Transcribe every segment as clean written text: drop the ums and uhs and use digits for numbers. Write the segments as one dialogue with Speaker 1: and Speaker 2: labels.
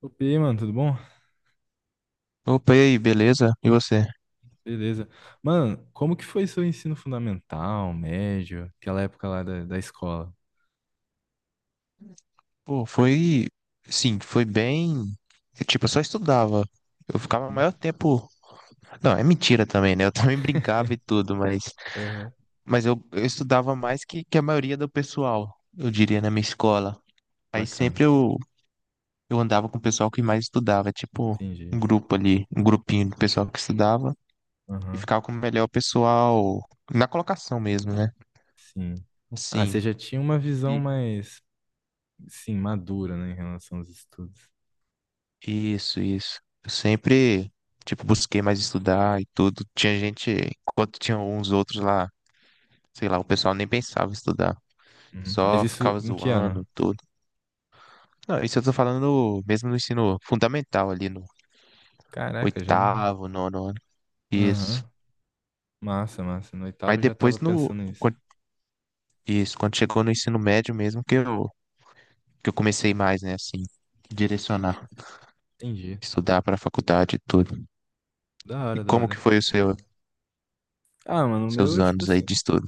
Speaker 1: Opa, e aí, mano, tudo bom?
Speaker 2: Opa, e aí, beleza? E você?
Speaker 1: Beleza. Mano, como que foi seu ensino fundamental, médio, aquela época lá da escola?
Speaker 2: Pô, foi. Sim, foi bem. Tipo, eu só estudava. Eu ficava o
Speaker 1: Uhum.
Speaker 2: maior tempo. Não, é mentira também, né? Eu também brincava e tudo, mas.
Speaker 1: Aham.
Speaker 2: Mas eu estudava mais que a maioria do pessoal, eu diria, na minha escola. Aí
Speaker 1: Bacana,
Speaker 2: sempre eu andava com o pessoal que mais estudava, tipo,
Speaker 1: entendi.
Speaker 2: um grupo ali, um grupinho do pessoal que estudava. E
Speaker 1: Aham.
Speaker 2: ficava com o melhor pessoal na colocação mesmo, né?
Speaker 1: Sim. Ah, você
Speaker 2: Assim.
Speaker 1: já tinha uma visão mais, sim, madura, né, em relação aos estudos.
Speaker 2: Isso, isso. Eu sempre, tipo, busquei mais estudar e tudo. Tinha gente, enquanto tinha uns outros lá, sei lá, o pessoal nem pensava em estudar.
Speaker 1: Uhum. Mas
Speaker 2: Só
Speaker 1: isso
Speaker 2: ficava
Speaker 1: em que ano?
Speaker 2: zoando, tudo. Não, isso eu tô falando mesmo no ensino fundamental ali, no
Speaker 1: Caraca, já não...
Speaker 2: oitavo, nono ano. Isso.
Speaker 1: Aham. Massa, massa. No
Speaker 2: Mas
Speaker 1: oitavo eu já
Speaker 2: depois
Speaker 1: tava
Speaker 2: no,
Speaker 1: pensando nisso.
Speaker 2: quan- isso, quando chegou no ensino médio mesmo, que eu comecei mais, né, assim, direcionar,
Speaker 1: Entendi.
Speaker 2: estudar pra faculdade e tudo.
Speaker 1: Da
Speaker 2: E
Speaker 1: hora, da
Speaker 2: como que
Speaker 1: hora.
Speaker 2: foi
Speaker 1: Ah, mano, o meu,
Speaker 2: seus
Speaker 1: é, tipo
Speaker 2: anos aí
Speaker 1: assim,
Speaker 2: de estudo?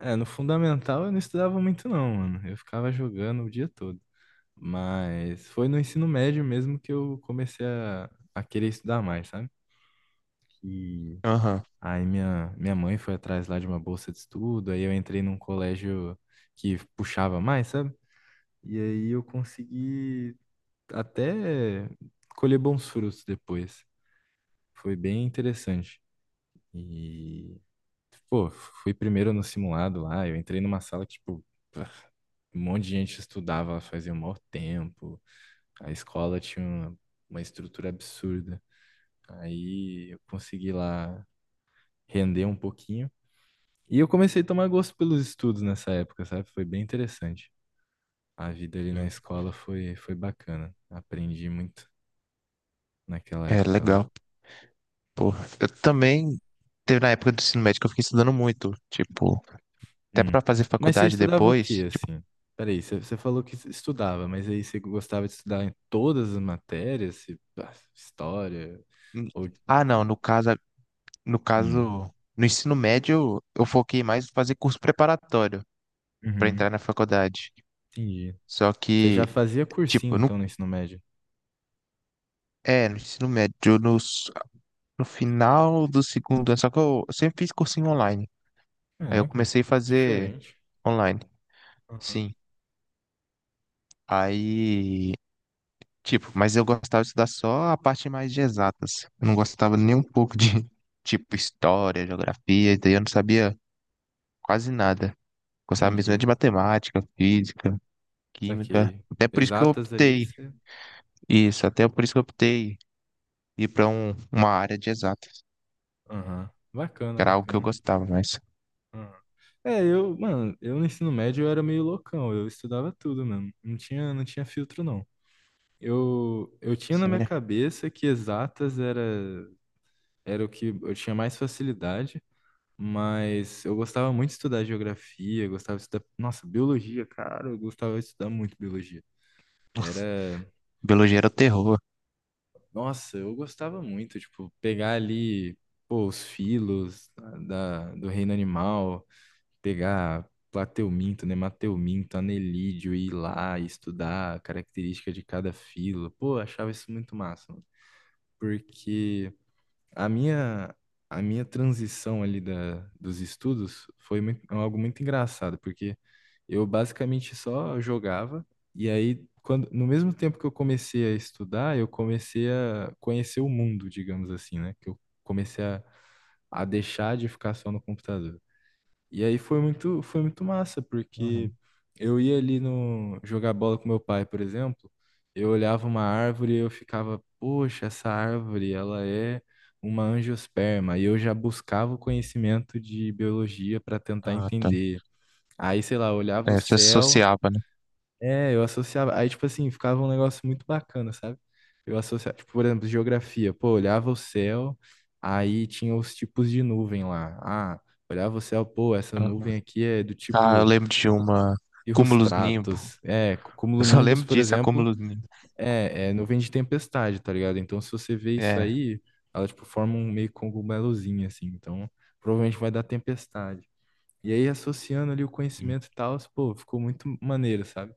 Speaker 1: é, no fundamental eu não estudava muito não, mano. Eu ficava jogando o dia todo. Mas foi no ensino médio mesmo que eu comecei a querer estudar mais, sabe? E
Speaker 2: Aham.
Speaker 1: aí minha mãe foi atrás lá de uma bolsa de estudo, aí eu entrei num colégio que puxava mais, sabe? E aí eu consegui até colher bons frutos depois. Foi bem interessante. E pô, fui primeiro no simulado lá, eu entrei numa sala que, tipo, um monte de gente estudava, fazia um maior tempo, a escola tinha uma estrutura absurda. Aí eu consegui lá render um pouquinho. E eu comecei a tomar gosto pelos estudos nessa época, sabe? Foi bem interessante. A vida ali na
Speaker 2: Sim.
Speaker 1: escola foi, foi bacana. Aprendi muito naquela
Speaker 2: É
Speaker 1: época lá.
Speaker 2: legal. Pô, eu também teve na época do ensino médio que eu fiquei estudando muito, tipo, até
Speaker 1: Hum.
Speaker 2: pra fazer
Speaker 1: Mas você
Speaker 2: faculdade
Speaker 1: estudava o
Speaker 2: depois,
Speaker 1: quê,
Speaker 2: tipo,
Speaker 1: assim? Peraí, você falou que estudava, mas aí você gostava de estudar em todas as matérias? Ah, história?
Speaker 2: hum,
Speaker 1: Ou...
Speaker 2: ah, não, no caso, no
Speaker 1: Hum.
Speaker 2: caso, no ensino médio eu foquei mais em fazer curso preparatório pra
Speaker 1: Uhum.
Speaker 2: entrar na faculdade.
Speaker 1: Entendi.
Speaker 2: Só
Speaker 1: Você já
Speaker 2: que,
Speaker 1: fazia cursinho,
Speaker 2: tipo, no,
Speaker 1: então, no ensino médio?
Speaker 2: é, no ensino médio, no final do segundo ano, só que eu sempre fiz cursinho online. Aí eu
Speaker 1: Caraca,
Speaker 2: comecei a fazer
Speaker 1: diferente.
Speaker 2: online,
Speaker 1: Aham.
Speaker 2: sim. Aí tipo, mas eu gostava de estudar só a parte mais de exatas. Eu não gostava nem um pouco de, tipo, história, geografia, e daí eu não sabia quase nada. Gostava mesmo era
Speaker 1: Entendi.
Speaker 2: de matemática, física, química.
Speaker 1: Saquei.
Speaker 2: Até por isso que eu
Speaker 1: Exatas ali,
Speaker 2: optei.
Speaker 1: você...
Speaker 2: Isso, até por isso que eu optei ir pra uma área de exatas,
Speaker 1: Aham. Bacana,
Speaker 2: que era algo que eu
Speaker 1: bacana.
Speaker 2: gostava, mas,
Speaker 1: Aham. É, eu, mano, eu no ensino médio eu era meio loucão, eu estudava tudo mesmo. Não tinha filtro, não. Eu tinha na minha
Speaker 2: sério,
Speaker 1: cabeça que exatas era, era o que eu tinha mais facilidade, mas eu gostava muito de estudar geografia, gostava de estudar, nossa, biologia, cara, eu gostava de estudar muito biologia. Era,
Speaker 2: biologia era o terror.
Speaker 1: nossa, eu gostava muito, tipo, pegar ali, pô, os filos do reino animal, pegar plateuminto, nemateuminto, anelídeo, e ir lá e estudar a característica de cada filo. Pô, eu achava isso muito massa, mano, porque a minha, a minha transição ali dos estudos foi muito- algo muito engraçado, porque eu basicamente só jogava, e aí, quando, no mesmo tempo que eu comecei a estudar, eu comecei a conhecer o mundo, digamos assim, né? Que eu comecei a deixar de ficar só no computador. E aí foi muito massa, porque
Speaker 2: Uhum.
Speaker 1: eu ia ali no jogar bola com meu pai, por exemplo, eu olhava uma árvore e eu ficava, poxa, essa árvore, ela é uma angiosperma, e eu já buscava o conhecimento de biologia para tentar
Speaker 2: Ah, tá.
Speaker 1: entender. Aí, sei lá, eu olhava o
Speaker 2: É, você
Speaker 1: céu,
Speaker 2: associava, né?
Speaker 1: é, eu associava. Aí, tipo assim, ficava um negócio muito bacana, sabe? Eu associava, tipo, por exemplo, geografia. Pô, olhava o céu, aí tinha os tipos de nuvem lá. Ah, olhava o céu, pô, essa
Speaker 2: Uhum.
Speaker 1: nuvem aqui é do
Speaker 2: Ah, eu
Speaker 1: tipo
Speaker 2: lembro Cúmulos Nimbo.
Speaker 1: cirrostratus. É,
Speaker 2: Eu só
Speaker 1: cumulonimbus,
Speaker 2: lembro
Speaker 1: por
Speaker 2: disso, a
Speaker 1: exemplo,
Speaker 2: Cúmulos Nimbo.
Speaker 1: é, é nuvem de tempestade, tá ligado? Então, se você vê isso
Speaker 2: É.
Speaker 1: aí, ela, tipo, forma um meio cogumelozinho, assim. Então, provavelmente vai dar tempestade. E aí, associando ali o conhecimento e tal, pô, ficou muito maneiro, sabe?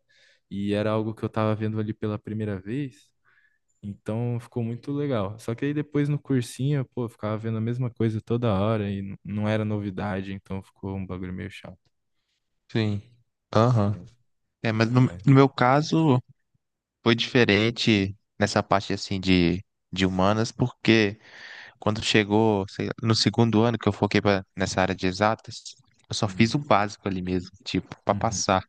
Speaker 1: E era algo que eu tava vendo ali pela primeira vez, então ficou muito legal. Só que aí depois no cursinho, pô, eu ficava vendo a mesma coisa toda hora e não era novidade, então ficou um bagulho meio chato.
Speaker 2: Sim. Aham.
Speaker 1: Né?
Speaker 2: É, mas no,
Speaker 1: Mas,
Speaker 2: no meu caso foi diferente nessa parte assim de humanas, porque quando chegou, sei lá, no segundo ano que eu foquei nessa área de exatas, eu só fiz
Speaker 1: hum.
Speaker 2: o básico ali mesmo, tipo, para
Speaker 1: Uhum.
Speaker 2: passar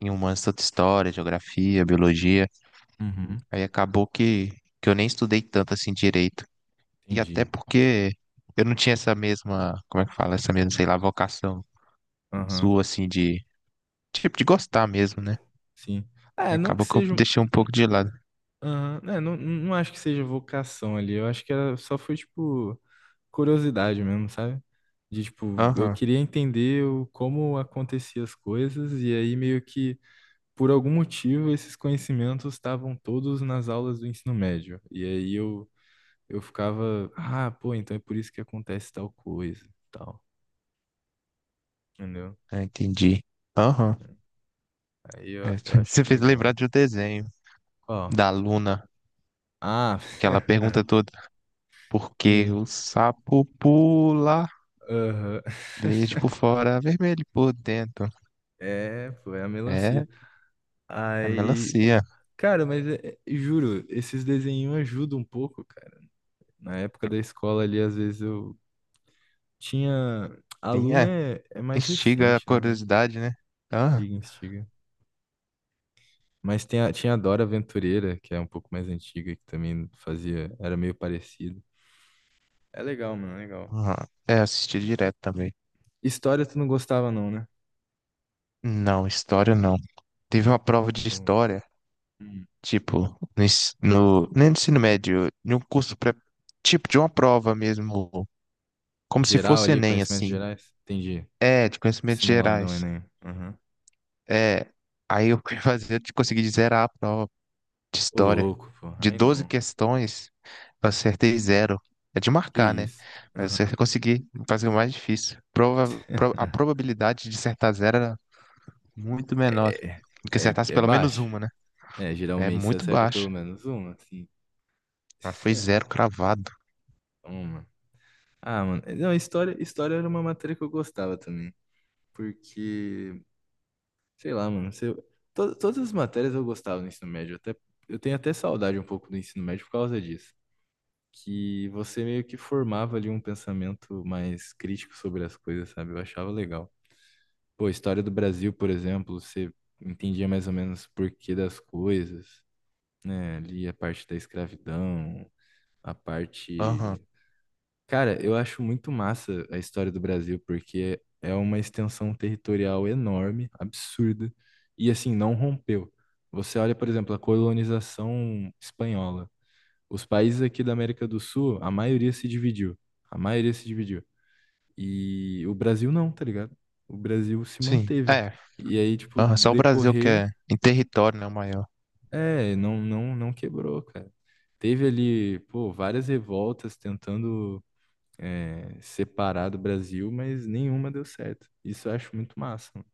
Speaker 2: em humanas, tanto história, geografia, biologia.
Speaker 1: Uhum.
Speaker 2: Aí acabou que eu nem estudei tanto assim direito. E até
Speaker 1: Entendi.
Speaker 2: porque eu não tinha essa mesma, como é que fala, essa mesma, sei lá, vocação
Speaker 1: Aham.
Speaker 2: sua assim tipo, de gostar mesmo, né?
Speaker 1: Sim.
Speaker 2: Aí
Speaker 1: É, não que
Speaker 2: acabou que eu
Speaker 1: seja...
Speaker 2: deixei um pouco de lado.
Speaker 1: Aham. É, não acho que seja vocação ali. Eu acho que era, só foi, tipo, curiosidade mesmo, sabe? De, tipo, eu
Speaker 2: Aham,
Speaker 1: queria entender como aconteciam as coisas, e aí meio que, por algum motivo, esses conhecimentos estavam todos nas aulas do ensino médio. E aí eu ficava, ah, pô, então é por isso que acontece tal coisa, tal, entendeu?
Speaker 2: é, entendi. Aham.
Speaker 1: Aí
Speaker 2: É,
Speaker 1: eu acho
Speaker 2: você fez lembrar
Speaker 1: legal.
Speaker 2: de um desenho
Speaker 1: Qual?
Speaker 2: da Luna,
Speaker 1: Ah.
Speaker 2: que ela pergunta toda, por que
Speaker 1: Sim.
Speaker 2: o sapo pula
Speaker 1: Aham.
Speaker 2: verde por fora, vermelho por dentro?
Speaker 1: É, pô, é a melancia.
Speaker 2: É, é
Speaker 1: Aí,
Speaker 2: melancia.
Speaker 1: cara, mas juro, esses desenhos ajudam um pouco, cara. Na época da escola ali, às vezes eu tinha. A
Speaker 2: Sim,
Speaker 1: Luna
Speaker 2: é.
Speaker 1: é, é mais
Speaker 2: Instiga a
Speaker 1: recente, né? Né?
Speaker 2: curiosidade, né? Ah,
Speaker 1: Instiga, instiga. Mas tinha a Dora Aventureira, que é um pouco mais antiga, que também fazia. Era meio parecido. É legal, mano, é legal.
Speaker 2: aham. É, assisti direto também.
Speaker 1: História tu não gostava, não, né?
Speaker 2: Não, história não. Teve uma prova de
Speaker 1: Ou-
Speaker 2: história,
Speaker 1: hum.
Speaker 2: tipo, nem no ensino médio, em um curso pré, tipo, de uma prova mesmo, como se
Speaker 1: Geral
Speaker 2: fosse
Speaker 1: ali,
Speaker 2: Enem,
Speaker 1: conhecimentos
Speaker 2: assim.
Speaker 1: gerais? Entendi.
Speaker 2: É, de conhecimentos
Speaker 1: Simuladão,
Speaker 2: gerais.
Speaker 1: Enem. Aham.
Speaker 2: É, aí eu eu consegui zerar a prova de
Speaker 1: Ô,
Speaker 2: história.
Speaker 1: louco, porra.
Speaker 2: De
Speaker 1: Aí
Speaker 2: 12
Speaker 1: não.
Speaker 2: questões, eu acertei zero. É de
Speaker 1: Que
Speaker 2: marcar, né?
Speaker 1: isso.
Speaker 2: Mas eu
Speaker 1: Aham.
Speaker 2: consegui fazer o mais difícil. A probabilidade de acertar zero era muito menor
Speaker 1: É,
Speaker 2: do que acertasse
Speaker 1: é
Speaker 2: pelo menos
Speaker 1: baixo.
Speaker 2: uma, né?
Speaker 1: É,
Speaker 2: É
Speaker 1: geralmente você
Speaker 2: muito
Speaker 1: acerta pelo
Speaker 2: baixa.
Speaker 1: menos uma, assim.
Speaker 2: Mas foi zero cravado.
Speaker 1: Uma. Ah, mano. Não, história era uma matéria que eu gostava também. Porque, sei lá, mano. Todas as matérias eu gostava no ensino médio. Até, eu tenho até saudade um pouco do ensino médio por causa disso. Que você meio que formava ali um pensamento mais crítico sobre as coisas, sabe? Eu achava legal. Pô, história do Brasil, por exemplo, você entendia mais ou menos o porquê das coisas, né? Ali a parte da escravidão, a
Speaker 2: Aham,
Speaker 1: parte... Cara, eu acho muito massa a história do Brasil, porque é uma extensão territorial enorme, absurda, e assim, não rompeu. Você olha, por exemplo, a colonização espanhola. Os países aqui da América do Sul, a maioria se dividiu. A maioria se dividiu. E o Brasil não, tá ligado? O Brasil se
Speaker 2: sim.
Speaker 1: manteve.
Speaker 2: É,
Speaker 1: E aí, tipo,
Speaker 2: aham, só o Brasil que
Speaker 1: decorrer,
Speaker 2: é em território, né, o maior.
Speaker 1: é, não quebrou, cara. Teve ali, pô, várias revoltas tentando é, separar do Brasil, mas nenhuma deu certo. Isso eu acho muito massa, mano.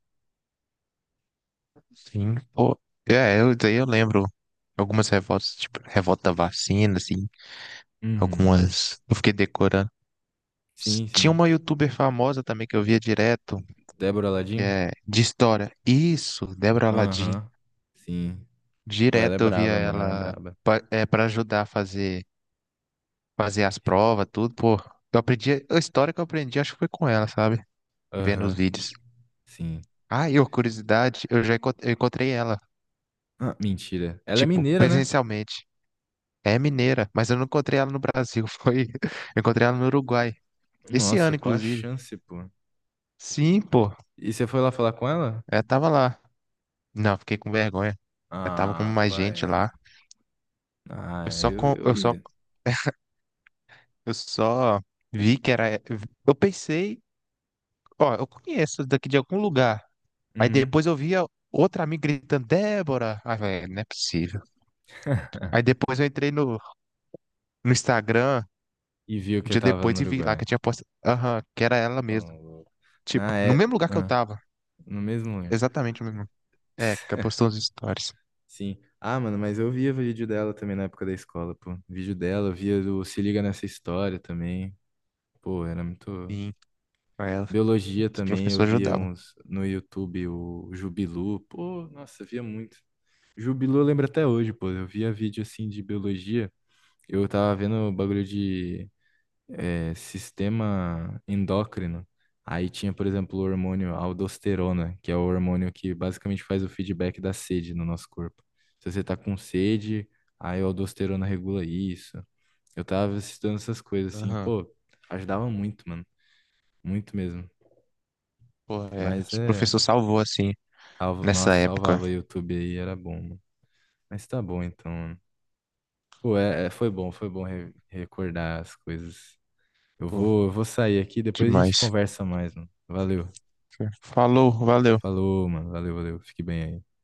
Speaker 2: Sim, pô. É, daí eu lembro algumas revoltas, tipo, revolta da vacina, assim,
Speaker 1: Uhum.
Speaker 2: algumas. Eu fiquei decorando.
Speaker 1: Sim,
Speaker 2: Tinha
Speaker 1: sim.
Speaker 2: uma youtuber famosa também que eu via direto,
Speaker 1: Débora
Speaker 2: que
Speaker 1: Ladinho?
Speaker 2: é de história. Isso, Débora Aladim.
Speaker 1: Aham. Sim. Pô, ela é
Speaker 2: Direto eu via
Speaker 1: braba, mano. Ela é
Speaker 2: ela
Speaker 1: braba.
Speaker 2: pra ajudar a fazer as provas, tudo, pô. A história que eu aprendi, acho que foi com ela, sabe? Vendo os
Speaker 1: Aham.
Speaker 2: vídeos.
Speaker 1: Sim.
Speaker 2: Ah, e a curiosidade, eu já encont- eu encontrei ela,
Speaker 1: Ah, mentira. Ela é
Speaker 2: tipo,
Speaker 1: mineira, né?
Speaker 2: presencialmente. É mineira, mas eu não encontrei ela no Brasil, foi. Eu encontrei ela no Uruguai. Esse
Speaker 1: Nossa,
Speaker 2: ano,
Speaker 1: qual a
Speaker 2: inclusive.
Speaker 1: chance, pô?
Speaker 2: Sim, pô.
Speaker 1: E você foi lá falar com ela?
Speaker 2: Ela tava lá. Não, fiquei com vergonha. Ela tava com
Speaker 1: Ah,
Speaker 2: mais
Speaker 1: qual
Speaker 2: gente lá.
Speaker 1: é? Ah,
Speaker 2: Eu só, com...
Speaker 1: eu
Speaker 2: eu só,
Speaker 1: ia.
Speaker 2: eu só vi que era. Eu pensei, ó, eu conheço daqui de algum lugar. Aí
Speaker 1: Uhum.
Speaker 2: depois eu via outra amiga gritando, Débora. Ah, velho, não é possível. Aí depois eu entrei no Instagram,
Speaker 1: E viu
Speaker 2: um
Speaker 1: que eu
Speaker 2: dia
Speaker 1: tava no
Speaker 2: depois, e vi lá
Speaker 1: Uruguai.
Speaker 2: que eu tinha postado. Aham, que era ela
Speaker 1: Oh,
Speaker 2: mesmo.
Speaker 1: louco. Na
Speaker 2: Tipo, no mesmo
Speaker 1: é.
Speaker 2: lugar que eu
Speaker 1: Ah,
Speaker 2: tava.
Speaker 1: no mesmo lugar.
Speaker 2: Exatamente no mesmo. É, que é postou os stories.
Speaker 1: Sim. Ah, mano, mas eu via vídeo dela também na época da escola, pô. Vídeo dela, eu via do Se Liga Nessa História também. Pô, era muito.
Speaker 2: Sim, com ela.
Speaker 1: Biologia
Speaker 2: Os
Speaker 1: também, eu
Speaker 2: professores
Speaker 1: via
Speaker 2: ajudavam.
Speaker 1: uns no YouTube, o Jubilu. Pô, nossa, eu via muito. Jubilu eu lembro até hoje, pô. Eu via vídeo assim de biologia. Eu tava vendo o bagulho de é, sistema endócrino. Aí tinha, por exemplo, o hormônio aldosterona, que é o hormônio que basicamente faz o feedback da sede no nosso corpo. Se você tá com sede, aí a aldosterona regula isso. Eu tava estudando essas coisas assim,
Speaker 2: Aham.
Speaker 1: pô, ajudava muito, mano. Muito mesmo.
Speaker 2: Pô, é.
Speaker 1: Mas
Speaker 2: Os
Speaker 1: é.
Speaker 2: professores salvou, assim,
Speaker 1: Salva-
Speaker 2: nessa
Speaker 1: nossa,
Speaker 2: época.
Speaker 1: salvava YouTube aí, era bom, mano. Mas tá bom então, mano. Pô, é, foi bom recordar as coisas.
Speaker 2: Pô,
Speaker 1: Eu vou sair aqui, depois a gente
Speaker 2: demais.
Speaker 1: conversa mais, mano. Valeu.
Speaker 2: Falou, valeu.
Speaker 1: Falou, mano. Valeu, valeu. Fique bem aí.